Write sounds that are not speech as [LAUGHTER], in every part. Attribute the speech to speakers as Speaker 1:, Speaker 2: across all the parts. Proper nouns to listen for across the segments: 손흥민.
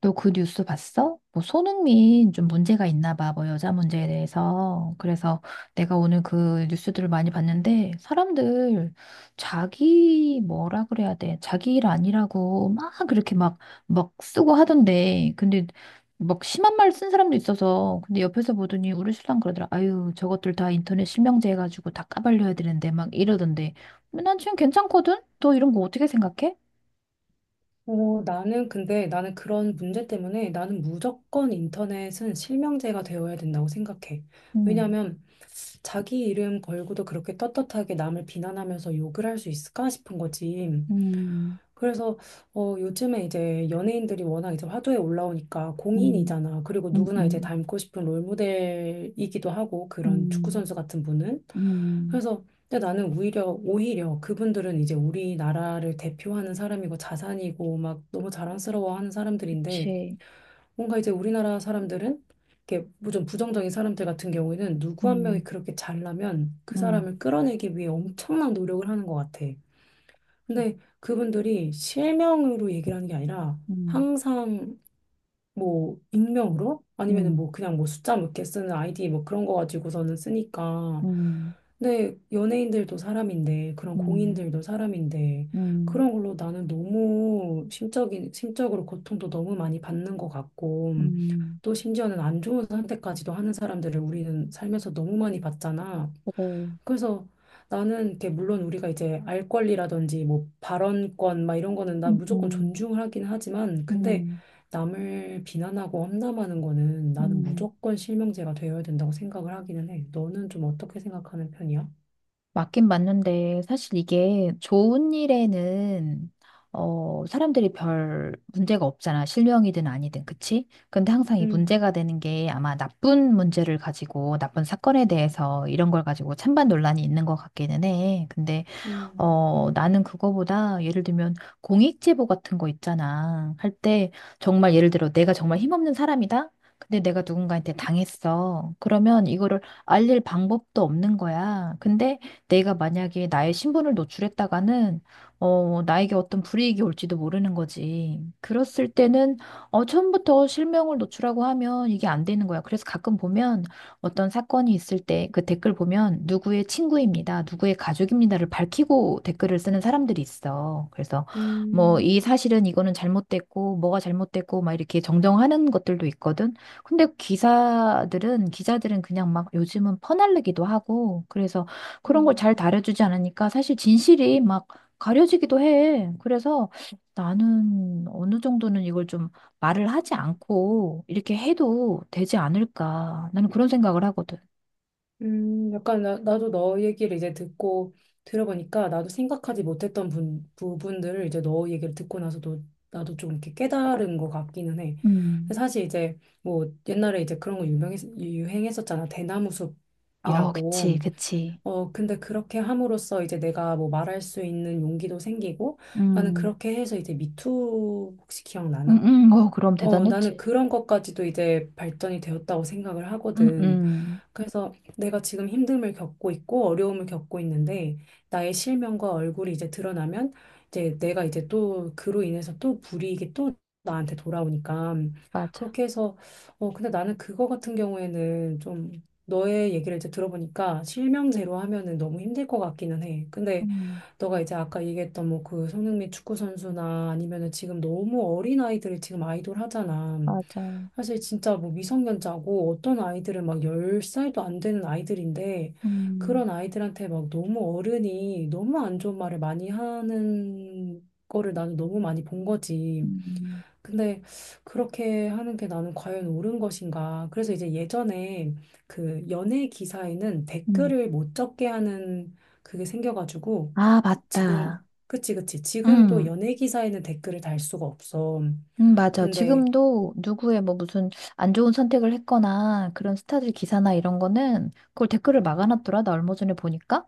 Speaker 1: 너 그 뉴스 봤어? 뭐 손흥민 좀 문제가 있나 봐. 뭐 여자 문제에 대해서. 그래서 내가 오늘 그 뉴스들을 많이 봤는데 사람들 자기 뭐라 그래야 돼? 자기 일 아니라고 막 그렇게 막 쓰고 하던데. 근데 막 심한 말 쓴 사람도 있어서 근데 옆에서 보더니 우리 신랑 그러더라. 아유, 저것들 다 인터넷 실명제 해가지고 다 까발려야 되는데 막 이러던데. 근데 난 지금 괜찮거든? 너 이런 거 어떻게 생각해?
Speaker 2: 어, 나는 근데 나는 그런 문제 때문에 나는 무조건 인터넷은 실명제가 되어야 된다고 생각해.
Speaker 1: 음,
Speaker 2: 왜냐하면 자기 이름 걸고도 그렇게 떳떳하게 남을 비난하면서 욕을 할 수 있을까 싶은 거지.
Speaker 1: 음,
Speaker 2: 그래서 요즘에 이제 연예인들이 워낙 이제 화두에 올라오니까
Speaker 1: 음,
Speaker 2: 공인이잖아. 그리고
Speaker 1: 음,
Speaker 2: 누구나 이제
Speaker 1: 음.
Speaker 2: 닮고 싶은 롤모델이기도 하고, 그런 축구
Speaker 1: 음,
Speaker 2: 선수 같은 분은.
Speaker 1: 음,
Speaker 2: 그래서 근데 나는 오히려 그분들은 이제 우리나라를 대표하는 사람이고 자산이고 막 너무 자랑스러워하는 사람들인데,
Speaker 1: 그치.
Speaker 2: 뭔가 이제 우리나라 사람들은, 이렇게 뭐좀 부정적인 사람들 같은 경우에는 누구 한 명이
Speaker 1: 음,
Speaker 2: 그렇게 잘나면 그
Speaker 1: 음,
Speaker 2: 사람을 끌어내기 위해 엄청난 노력을 하는 것 같아. 근데 그분들이 실명으로 얘기를 하는 게 아니라,
Speaker 1: 음,
Speaker 2: 항상 뭐 익명으로 아니면은
Speaker 1: 음,
Speaker 2: 뭐 그냥 뭐 숫자 몇 개 쓰는 아이디 뭐 그런 거 가지고서는 쓰니까.
Speaker 1: 음,
Speaker 2: 근데 연예인들도 사람인데, 그런
Speaker 1: 음,
Speaker 2: 공인들도 사람인데,
Speaker 1: 음,
Speaker 2: 그런 걸로 나는 너무 심적인 심적으로 고통도 너무 많이 받는 것 같고,
Speaker 1: 음,
Speaker 2: 또 심지어는 안 좋은 선택까지도 하는 사람들을 우리는 살면서 너무 많이 봤잖아.
Speaker 1: 그래.
Speaker 2: 그래서 나는 이렇게, 물론 우리가 이제 알 권리라든지 뭐 발언권 막 이런 거는 나
Speaker 1: 음,
Speaker 2: 무조건
Speaker 1: 음,
Speaker 2: 존중하긴 하지만, 근데
Speaker 1: 음,
Speaker 2: 남을 비난하고 험담하는 거는 나는
Speaker 1: 음.
Speaker 2: 무조건 실명제가 되어야 된다고 생각을 하기는 해. 너는 좀 어떻게 생각하는 편이야?
Speaker 1: 맞긴 맞는데, 사실 이게 좋은 일에는, 어, 사람들이 별 문제가 없잖아. 실명이든 아니든, 그치? 근데 항상 이
Speaker 2: 음.
Speaker 1: 문제가 되는 게 아마 나쁜 문제를 가지고, 나쁜 사건에 대해서 이런 걸 가지고 찬반 논란이 있는 것 같기는 해. 근데
Speaker 2: 음.
Speaker 1: 어, 나는 그거보다 예를 들면 공익 제보 같은 거 있잖아. 할 때 정말 예를 들어 내가 정말 힘없는 사람이다. 근데 내가 누군가한테 당했어. 그러면 이거를 알릴 방법도 없는 거야. 근데 내가 만약에 나의 신분을 노출했다가는 어, 나에게 어떤 불이익이 올지도 모르는 거지. 그랬을 때는 어, 처음부터 실명을 노출하고 하면 이게 안 되는 거야. 그래서 가끔 보면 어떤 사건이 있을 때 그 댓글 보면 누구의 친구입니다, 누구의 가족입니다를 밝히고 댓글을 쓰는 사람들이 있어. 그래서 뭐 이
Speaker 2: 음.
Speaker 1: 사실은 이거는 잘못됐고 뭐가 잘못됐고 막 이렇게 정정하는 것들도 있거든. 근데 기사들은 기자들은 그냥 막 요즘은 퍼날르기도 하고 그래서 그런 걸
Speaker 2: 음.
Speaker 1: 잘 다뤄주지 않으니까 사실 진실이 막 가려지기도 해. 그래서 나는 어느 정도는 이걸 좀 말을 하지 않고 이렇게 해도 되지 않을까. 나는 그런 생각을 하거든.
Speaker 2: 약간 나도 너 얘기를 이제 듣고 들어보니까, 나도 생각하지 못했던 부분들을 이제 너 얘기를 듣고 나서도 나도 좀 이렇게 깨달은 것 같기는 해.
Speaker 1: 음.
Speaker 2: 근데 사실 이제 뭐 옛날에 이제 그런 거 유행했었잖아.
Speaker 1: 어,
Speaker 2: 대나무숲이라고.
Speaker 1: 그치, 그치.
Speaker 2: 어, 근데 그렇게 함으로써 이제 내가 뭐 말할 수 있는 용기도 생기고, 나는
Speaker 1: 음.
Speaker 2: 그렇게 해서 이제 미투, 혹시
Speaker 1: 음,
Speaker 2: 기억나나?
Speaker 1: 어, 그럼
Speaker 2: 어, 나는
Speaker 1: 대단했지.
Speaker 2: 그런 것까지도 이제 발전이 되었다고 생각을
Speaker 1: 음,
Speaker 2: 하거든.
Speaker 1: 음.
Speaker 2: 그래서 내가 지금 힘듦을 겪고 있고 어려움을 겪고 있는데, 나의 실명과 얼굴이 이제 드러나면, 이제 내가 이제 또 그로 인해서 또 불이익이 또 나한테 돌아오니까,
Speaker 1: 맞아.
Speaker 2: 그렇게 해서. 근데 나는 그거 같은 경우에는 좀, 너의 얘기를 이제 들어보니까 실명대로 하면은 너무 힘들 것 같기는 해. 근데
Speaker 1: 음,
Speaker 2: 너가 이제 아까 얘기했던 뭐 그 손흥민 축구 선수나, 아니면은 지금 너무 어린 아이들을 지금 아이돌 하잖아.
Speaker 1: 맞아.
Speaker 2: 사실 진짜 뭐 미성년자고, 어떤 아이들은 막 10살도 안 되는 아이들인데,
Speaker 1: 음,
Speaker 2: 그런 아이들한테 막 너무 어른이 너무 안 좋은 말을 많이 하는 거를 나는 너무 많이 본 거지.
Speaker 1: 음,
Speaker 2: 근데 그렇게 하는 게 나는 과연 옳은 것인가? 그래서 이제 예전에 그 연예 기사에는
Speaker 1: 음.
Speaker 2: 댓글을 못 적게 하는 그게 생겨가지고,
Speaker 1: 아,
Speaker 2: 지금,
Speaker 1: 맞다.
Speaker 2: 그치, 그치, 지금도
Speaker 1: 음.
Speaker 2: 연예 기사에는 댓글을 달 수가 없어.
Speaker 1: 맞아.
Speaker 2: 근데
Speaker 1: 지금도 누구의 뭐 무슨 안 좋은 선택을 했거나 그런 스타들 기사나 이런 거는 그걸 댓글을 막아놨더라. 나 얼마 전에 보니까.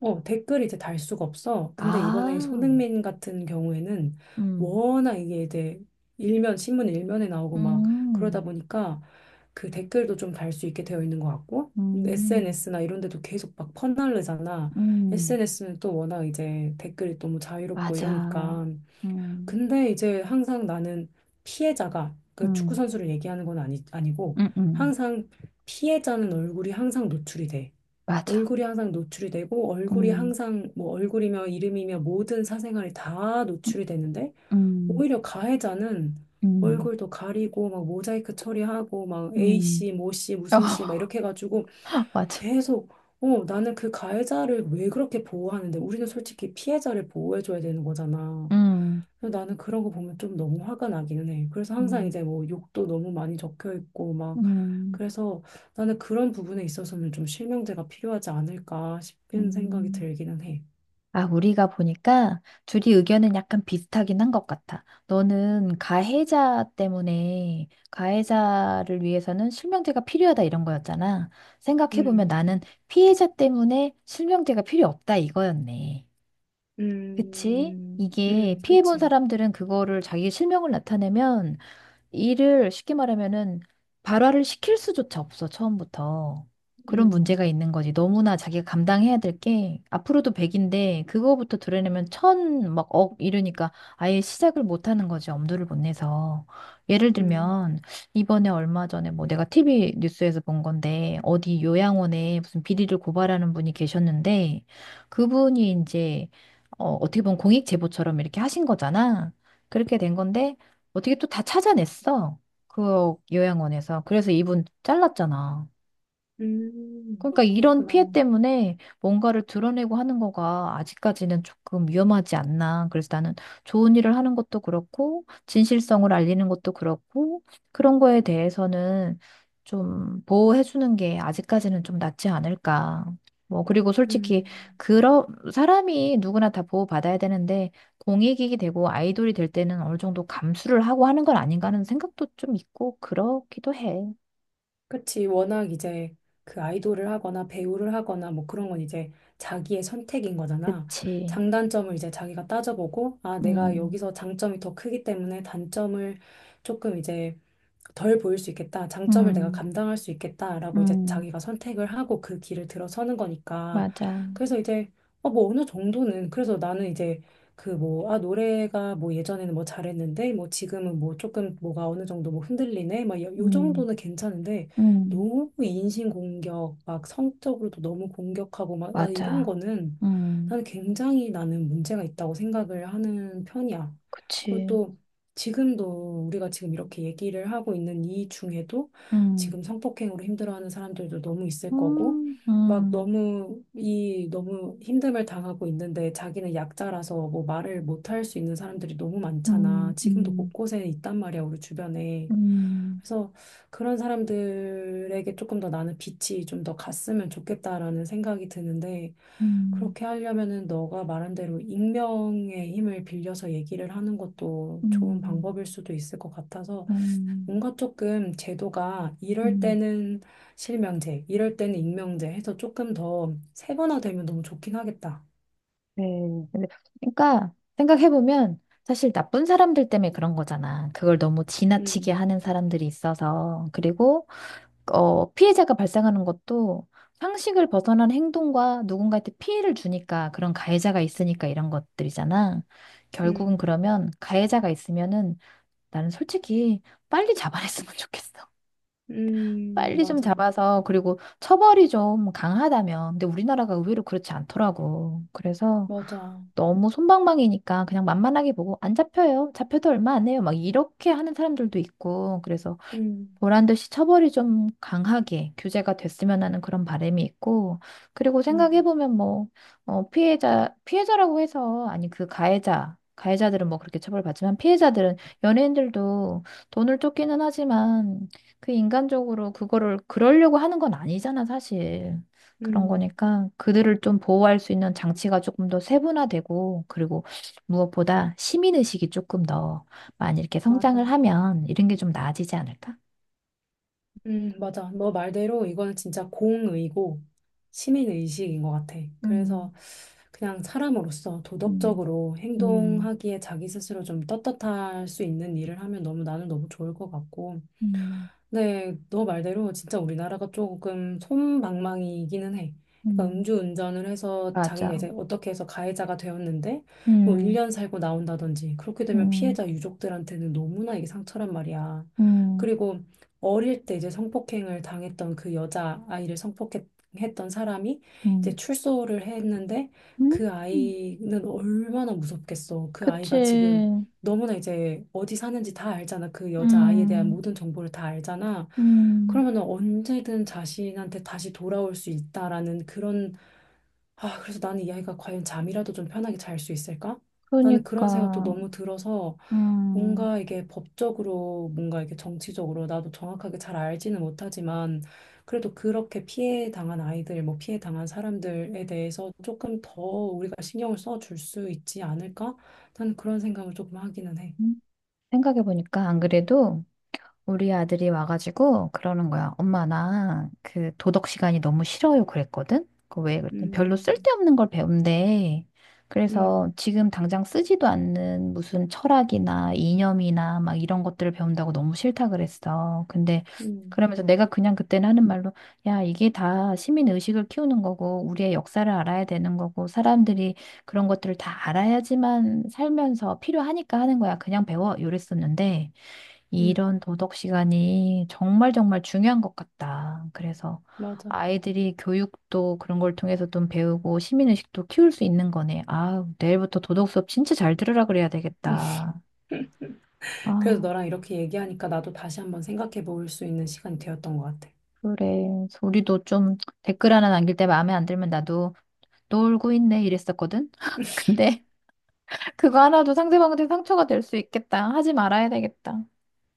Speaker 2: 댓글 이제 달 수가 없어. 근데 이번에
Speaker 1: 아,
Speaker 2: 손흥민 같은 경우에는
Speaker 1: 음,
Speaker 2: 워낙 이게 이제 신문 일면에 나오고 막 그러다
Speaker 1: 음.
Speaker 2: 보니까, 그 댓글도 좀 달 수 있게 되어 있는 것 같고,
Speaker 1: 음,
Speaker 2: SNS나 이런 데도 계속 막 퍼날르잖아.
Speaker 1: 음,
Speaker 2: SNS는 또 워낙 이제 댓글이 너무 자유롭고
Speaker 1: 맞아.
Speaker 2: 이러니까.
Speaker 1: 음,
Speaker 2: 근데 이제 항상 나는 피해자가, 그 축구
Speaker 1: 음,
Speaker 2: 선수를 얘기하는 건 아니, 아니고,
Speaker 1: 음, 음,
Speaker 2: 항상 피해자는 얼굴이 항상 노출이 돼.
Speaker 1: 맞아.
Speaker 2: 얼굴이 항상 노출이 되고, 얼굴이
Speaker 1: 음,
Speaker 2: 항상 뭐 얼굴이며 이름이며 모든 사생활이 다 노출이 되는데,
Speaker 1: 음,
Speaker 2: 오히려 가해자는
Speaker 1: 음,
Speaker 2: 얼굴도 가리고 막 모자이크 처리하고 막 A
Speaker 1: 음,
Speaker 2: 씨, 모 씨,
Speaker 1: 어,
Speaker 2: 무슨 씨 막 이렇게 해가지고
Speaker 1: [LAUGHS] 맞아.
Speaker 2: 계속. 나는 그 가해자를 왜 그렇게 보호하는데, 우리는 솔직히 피해자를 보호해줘야 되는 거잖아.
Speaker 1: 음,
Speaker 2: 그래서 나는 그런 거 보면 좀 너무 화가 나기는 해. 그래서 항상
Speaker 1: 음,
Speaker 2: 이제 뭐 욕도 너무 많이 적혀 있고 막,
Speaker 1: 음,
Speaker 2: 그래서 나는 그런 부분에 있어서는 좀 실명제가 필요하지 않을까 싶은 생각이
Speaker 1: 음.
Speaker 2: 들기는 해.
Speaker 1: 아, 우리가 보니까 둘이 의견은 약간 비슷하긴 한 것 같아. 너는 가해자 때문에 가해자를 위해서는 실명제가 필요하다 이런 거였잖아. 생각해보면
Speaker 2: 음.
Speaker 1: 나는 피해자 때문에 실명제가 필요 없다 이거였네. 그치?
Speaker 2: 음.
Speaker 1: 이게 피해본
Speaker 2: 그치?
Speaker 1: 사람들은 그거를 자기 실명을 나타내면 일을 쉽게 말하면은 발화를 시킬 수조차 없어, 처음부터. 그런
Speaker 2: 음.
Speaker 1: 문제가 있는 거지. 너무나 자기가 감당해야 될 게, 앞으로도 100인데, 그거부터 드러내면 천 막, 억, 이러니까 아예 시작을 못 하는 거지, 엄두를 못 내서. 예를
Speaker 2: 음.
Speaker 1: 들면, 이번에 얼마 전에 뭐 내가 TV 뉴스에서 본 건데, 어디 요양원에 무슨 비리를 고발하는 분이 계셨는데, 그분이 이제, 어, 어떻게 보면 공익 제보처럼 이렇게 하신 거잖아. 그렇게 된 건데, 어떻게 또 다 찾아냈어? 그 요양원에서. 그래서 이분 잘랐잖아. 그러니까 이런
Speaker 2: 그렇구나.
Speaker 1: 피해 때문에 뭔가를 드러내고 하는 거가 아직까지는 조금 위험하지 않나. 그래서 나는 좋은 일을 하는 것도 그렇고, 진실성을 알리는 것도 그렇고, 그런 거에 대해서는 좀 보호해주는 게 아직까지는 좀 낫지 않을까. 뭐, 그리고 솔직히,
Speaker 2: 음.
Speaker 1: 그런, 사람이 누구나 다 보호받아야 되는데, 공익이 되고 아이돌이 될 때는 어느 정도 감수를 하고 하는 건 아닌가 하는 생각도 좀 있고, 그렇기도 해.
Speaker 2: 그치. 워낙 이제 그 아이돌을 하거나 배우를 하거나 뭐 그런 건 이제 자기의 선택인 거잖아.
Speaker 1: 그치.
Speaker 2: 장단점을 이제 자기가 따져보고, 아, 내가
Speaker 1: 음.
Speaker 2: 여기서 장점이 더 크기 때문에 단점을 조금 이제 덜 보일 수 있겠다, 장점을 내가
Speaker 1: 음.
Speaker 2: 감당할 수 있겠다라고 이제
Speaker 1: 음,
Speaker 2: 자기가 선택을 하고 그 길을 들어서는 거니까.
Speaker 1: 맞아.
Speaker 2: 그래서 이제, 뭐 어느 정도는, 그래서 나는 이제 그 뭐, 아, 노래가 뭐 예전에는 뭐 잘했는데 뭐 지금은 뭐 조금 뭐가 어느 정도 뭐 흔들리네, 막 요
Speaker 1: 음,
Speaker 2: 정도는 괜찮은데,
Speaker 1: 음,
Speaker 2: 너무 인신공격, 막 성적으로도 너무 공격하고 막, 아, 이런
Speaker 1: 맞아.
Speaker 2: 거는
Speaker 1: 음,
Speaker 2: 나는 굉장히 나는 문제가 있다고 생각을 하는 편이야. 그리고
Speaker 1: 그치.
Speaker 2: 또 지금도 우리가 지금 이렇게 얘기를 하고 있는 이 중에도
Speaker 1: 음,
Speaker 2: 지금 성폭행으로 힘들어하는 사람들도 너무 있을 거고,
Speaker 1: 음,
Speaker 2: 막
Speaker 1: 음,
Speaker 2: 너무 이 너무 힘듦을 당하고 있는데 자기는 약자라서 뭐 말을 못할 수 있는 사람들이 너무
Speaker 1: 음,
Speaker 2: 많잖아. 지금도
Speaker 1: 음,
Speaker 2: 곳곳에 있단 말이야, 우리 주변에.
Speaker 1: 음,
Speaker 2: 그래서 그런 사람들에게 조금 더 나는 빛이 좀 더 갔으면 좋겠다라는 생각이 드는데,
Speaker 1: 음,
Speaker 2: 그렇게 하려면은 너가 말한 대로 익명의 힘을 빌려서 얘기를 하는 것도 좋은
Speaker 1: 음,
Speaker 2: 방법일 수도 있을 것 같아서,
Speaker 1: 음,
Speaker 2: 뭔가 조금 제도가, 이럴
Speaker 1: 음.
Speaker 2: 때는 실명제, 이럴 때는 익명제 해서 조금 더 세분화되면 너무 좋긴 하겠다.
Speaker 1: 네. 근데, 그러니까, 생각해보면, 사실 나쁜 사람들 때문에 그런 거잖아. 그걸 너무 지나치게
Speaker 2: 음.
Speaker 1: 하는 사람들이 있어서. 그리고, 어, 피해자가 발생하는 것도 상식을 벗어난 행동과 누군가한테 피해를 주니까 그런 가해자가 있으니까 이런 것들이잖아. 결국은
Speaker 2: 음.
Speaker 1: 그러면 가해자가 있으면은 나는 솔직히 빨리 잡아냈으면 [LAUGHS] 좋겠어. 빨리 좀
Speaker 2: 맞아.
Speaker 1: 잡아서 그리고 처벌이 좀 강하다면. 근데 우리나라가 의외로 그렇지 않더라고. 그래서
Speaker 2: 맞아.
Speaker 1: 너무 솜방망이니까 그냥 만만하게 보고 안 잡혀요. 잡혀도 얼마 안 해요. 막 이렇게 하는 사람들도 있고. 그래서
Speaker 2: 음.
Speaker 1: 보란 듯이 처벌이 좀 강하게 규제가 됐으면 하는 그런 바람이 있고, 그리고
Speaker 2: 음.
Speaker 1: 생각해보면 뭐, 어, 피해자, 피해자라고 해서, 아니, 그 가해자, 가해자들은 뭐 그렇게 처벌받지만 피해자들은 연예인들도 돈을 쫓기는 하지만 그 인간적으로 그거를 그러려고 하는 건 아니잖아, 사실. 그런
Speaker 2: 음,
Speaker 1: 거니까 그들을 좀 보호할 수 있는 장치가 조금 더 세분화되고, 그리고 무엇보다 시민의식이 조금 더 많이 이렇게 성장을
Speaker 2: 맞아.
Speaker 1: 하면 이런 게 좀 나아지지 않을까?
Speaker 2: 맞아. 너 말대로 이거는 진짜 공의고 시민의식인 것 같아.
Speaker 1: 음,
Speaker 2: 그래서 그냥 사람으로서
Speaker 1: 음,
Speaker 2: 도덕적으로
Speaker 1: 음,
Speaker 2: 행동하기에 자기 스스로 좀 떳떳할 수 있는 일을 하면 너무 나는 너무 좋을 것 같고.
Speaker 1: 음,
Speaker 2: 네, 너 말대로 진짜 우리나라가 조금 솜방망이이기는 해. 그러니까
Speaker 1: 음,
Speaker 2: 음주운전을 해서
Speaker 1: 맞아.
Speaker 2: 자기가 이제 어떻게 해서 가해자가 되었는데 뭐
Speaker 1: 음,
Speaker 2: 1년 살고 나온다든지, 그렇게 되면
Speaker 1: 음,
Speaker 2: 피해자 유족들한테는 너무나 이게 상처란 말이야.
Speaker 1: 음,
Speaker 2: 그리고 어릴 때 이제 성폭행을 당했던 그 여자 아이를 성폭행했던 사람이
Speaker 1: 음,
Speaker 2: 이제 출소를 했는데,
Speaker 1: 음,
Speaker 2: 그 아이는 얼마나 무섭겠어. 그 아이가 지금
Speaker 1: 그치.
Speaker 2: 너무나 이제 어디 사는지 다 알잖아. 그 여자아이에 대한
Speaker 1: 음,
Speaker 2: 모든 정보를 다 알잖아.
Speaker 1: 음,
Speaker 2: 그러면 언제든 자신한테 다시 돌아올 수 있다라는 그런 아, 그래서 나는 이 아이가 과연 잠이라도 좀 편하게 잘 수 있을까? 나는 그런 생각도
Speaker 1: 그러니까,
Speaker 2: 너무 들어서,
Speaker 1: 음,
Speaker 2: 뭔가 이게 법적으로, 뭔가 이게 정치적으로 나도 정확하게 잘 알지는 못하지만, 그래도 그렇게 피해 당한 아이들, 뭐 피해 당한 사람들에 대해서 조금 더 우리가 신경을 써줄 수 있지 않을까? 나는 그런 생각을 조금 하기는 해.
Speaker 1: 음. 생각해보니까 안 그래도, 우리 아들이 와가지고 그러는 거야. 엄마, 나 그 도덕 시간이 너무 싫어요. 그랬거든? 그왜 그랬더니 별로
Speaker 2: 음.
Speaker 1: 쓸데없는 걸 배운대. 그래서
Speaker 2: 음.
Speaker 1: 지금 당장 쓰지도 않는 무슨 철학이나 이념이나 막 이런 것들을 배운다고 너무 싫다 그랬어. 근데
Speaker 2: 음.
Speaker 1: 그러면서 내가 그냥 그때는 하는 말로 야, 이게 다 시민 의식을 키우는 거고 우리의 역사를 알아야 되는 거고 사람들이 그런 것들을 다 알아야지만 살면서 필요하니까 하는 거야. 그냥 배워. 이랬었는데
Speaker 2: 음,
Speaker 1: 이런 도덕 시간이 정말 정말 중요한 것 같다. 그래서
Speaker 2: 맞아.
Speaker 1: 아이들이 교육도 그런 걸 통해서 좀 배우고 시민의식도 키울 수 있는 거네. 아, 내일부터 도덕 수업 진짜 잘 들으라 그래야 되겠다.
Speaker 2: 그래도
Speaker 1: 아,
Speaker 2: 너랑 이렇게 얘기하니까 나도 다시 한번 생각해 볼 수 있는 시간이 되었던 것 같아.
Speaker 1: 그래. 우리도 좀 댓글 하나 남길 때 마음에 안 들면 나도 놀고 있네 이랬었거든. [LAUGHS] 근데 그거 하나도 상대방한테 상처가 될 수 있겠다. 하지 말아야 되겠다.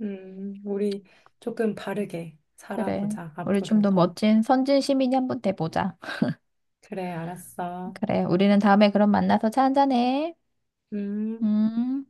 Speaker 2: 우리 조금 바르게
Speaker 1: 그래.
Speaker 2: 살아보자,
Speaker 1: 우리 좀
Speaker 2: 앞으로
Speaker 1: 더
Speaker 2: 더.
Speaker 1: 멋진 선진 시민이 한번 돼보자.
Speaker 2: 그래, 알았어.
Speaker 1: 그래. 우리는 다음에 그럼 만나서 차 한잔해.
Speaker 2: 음.
Speaker 1: 음,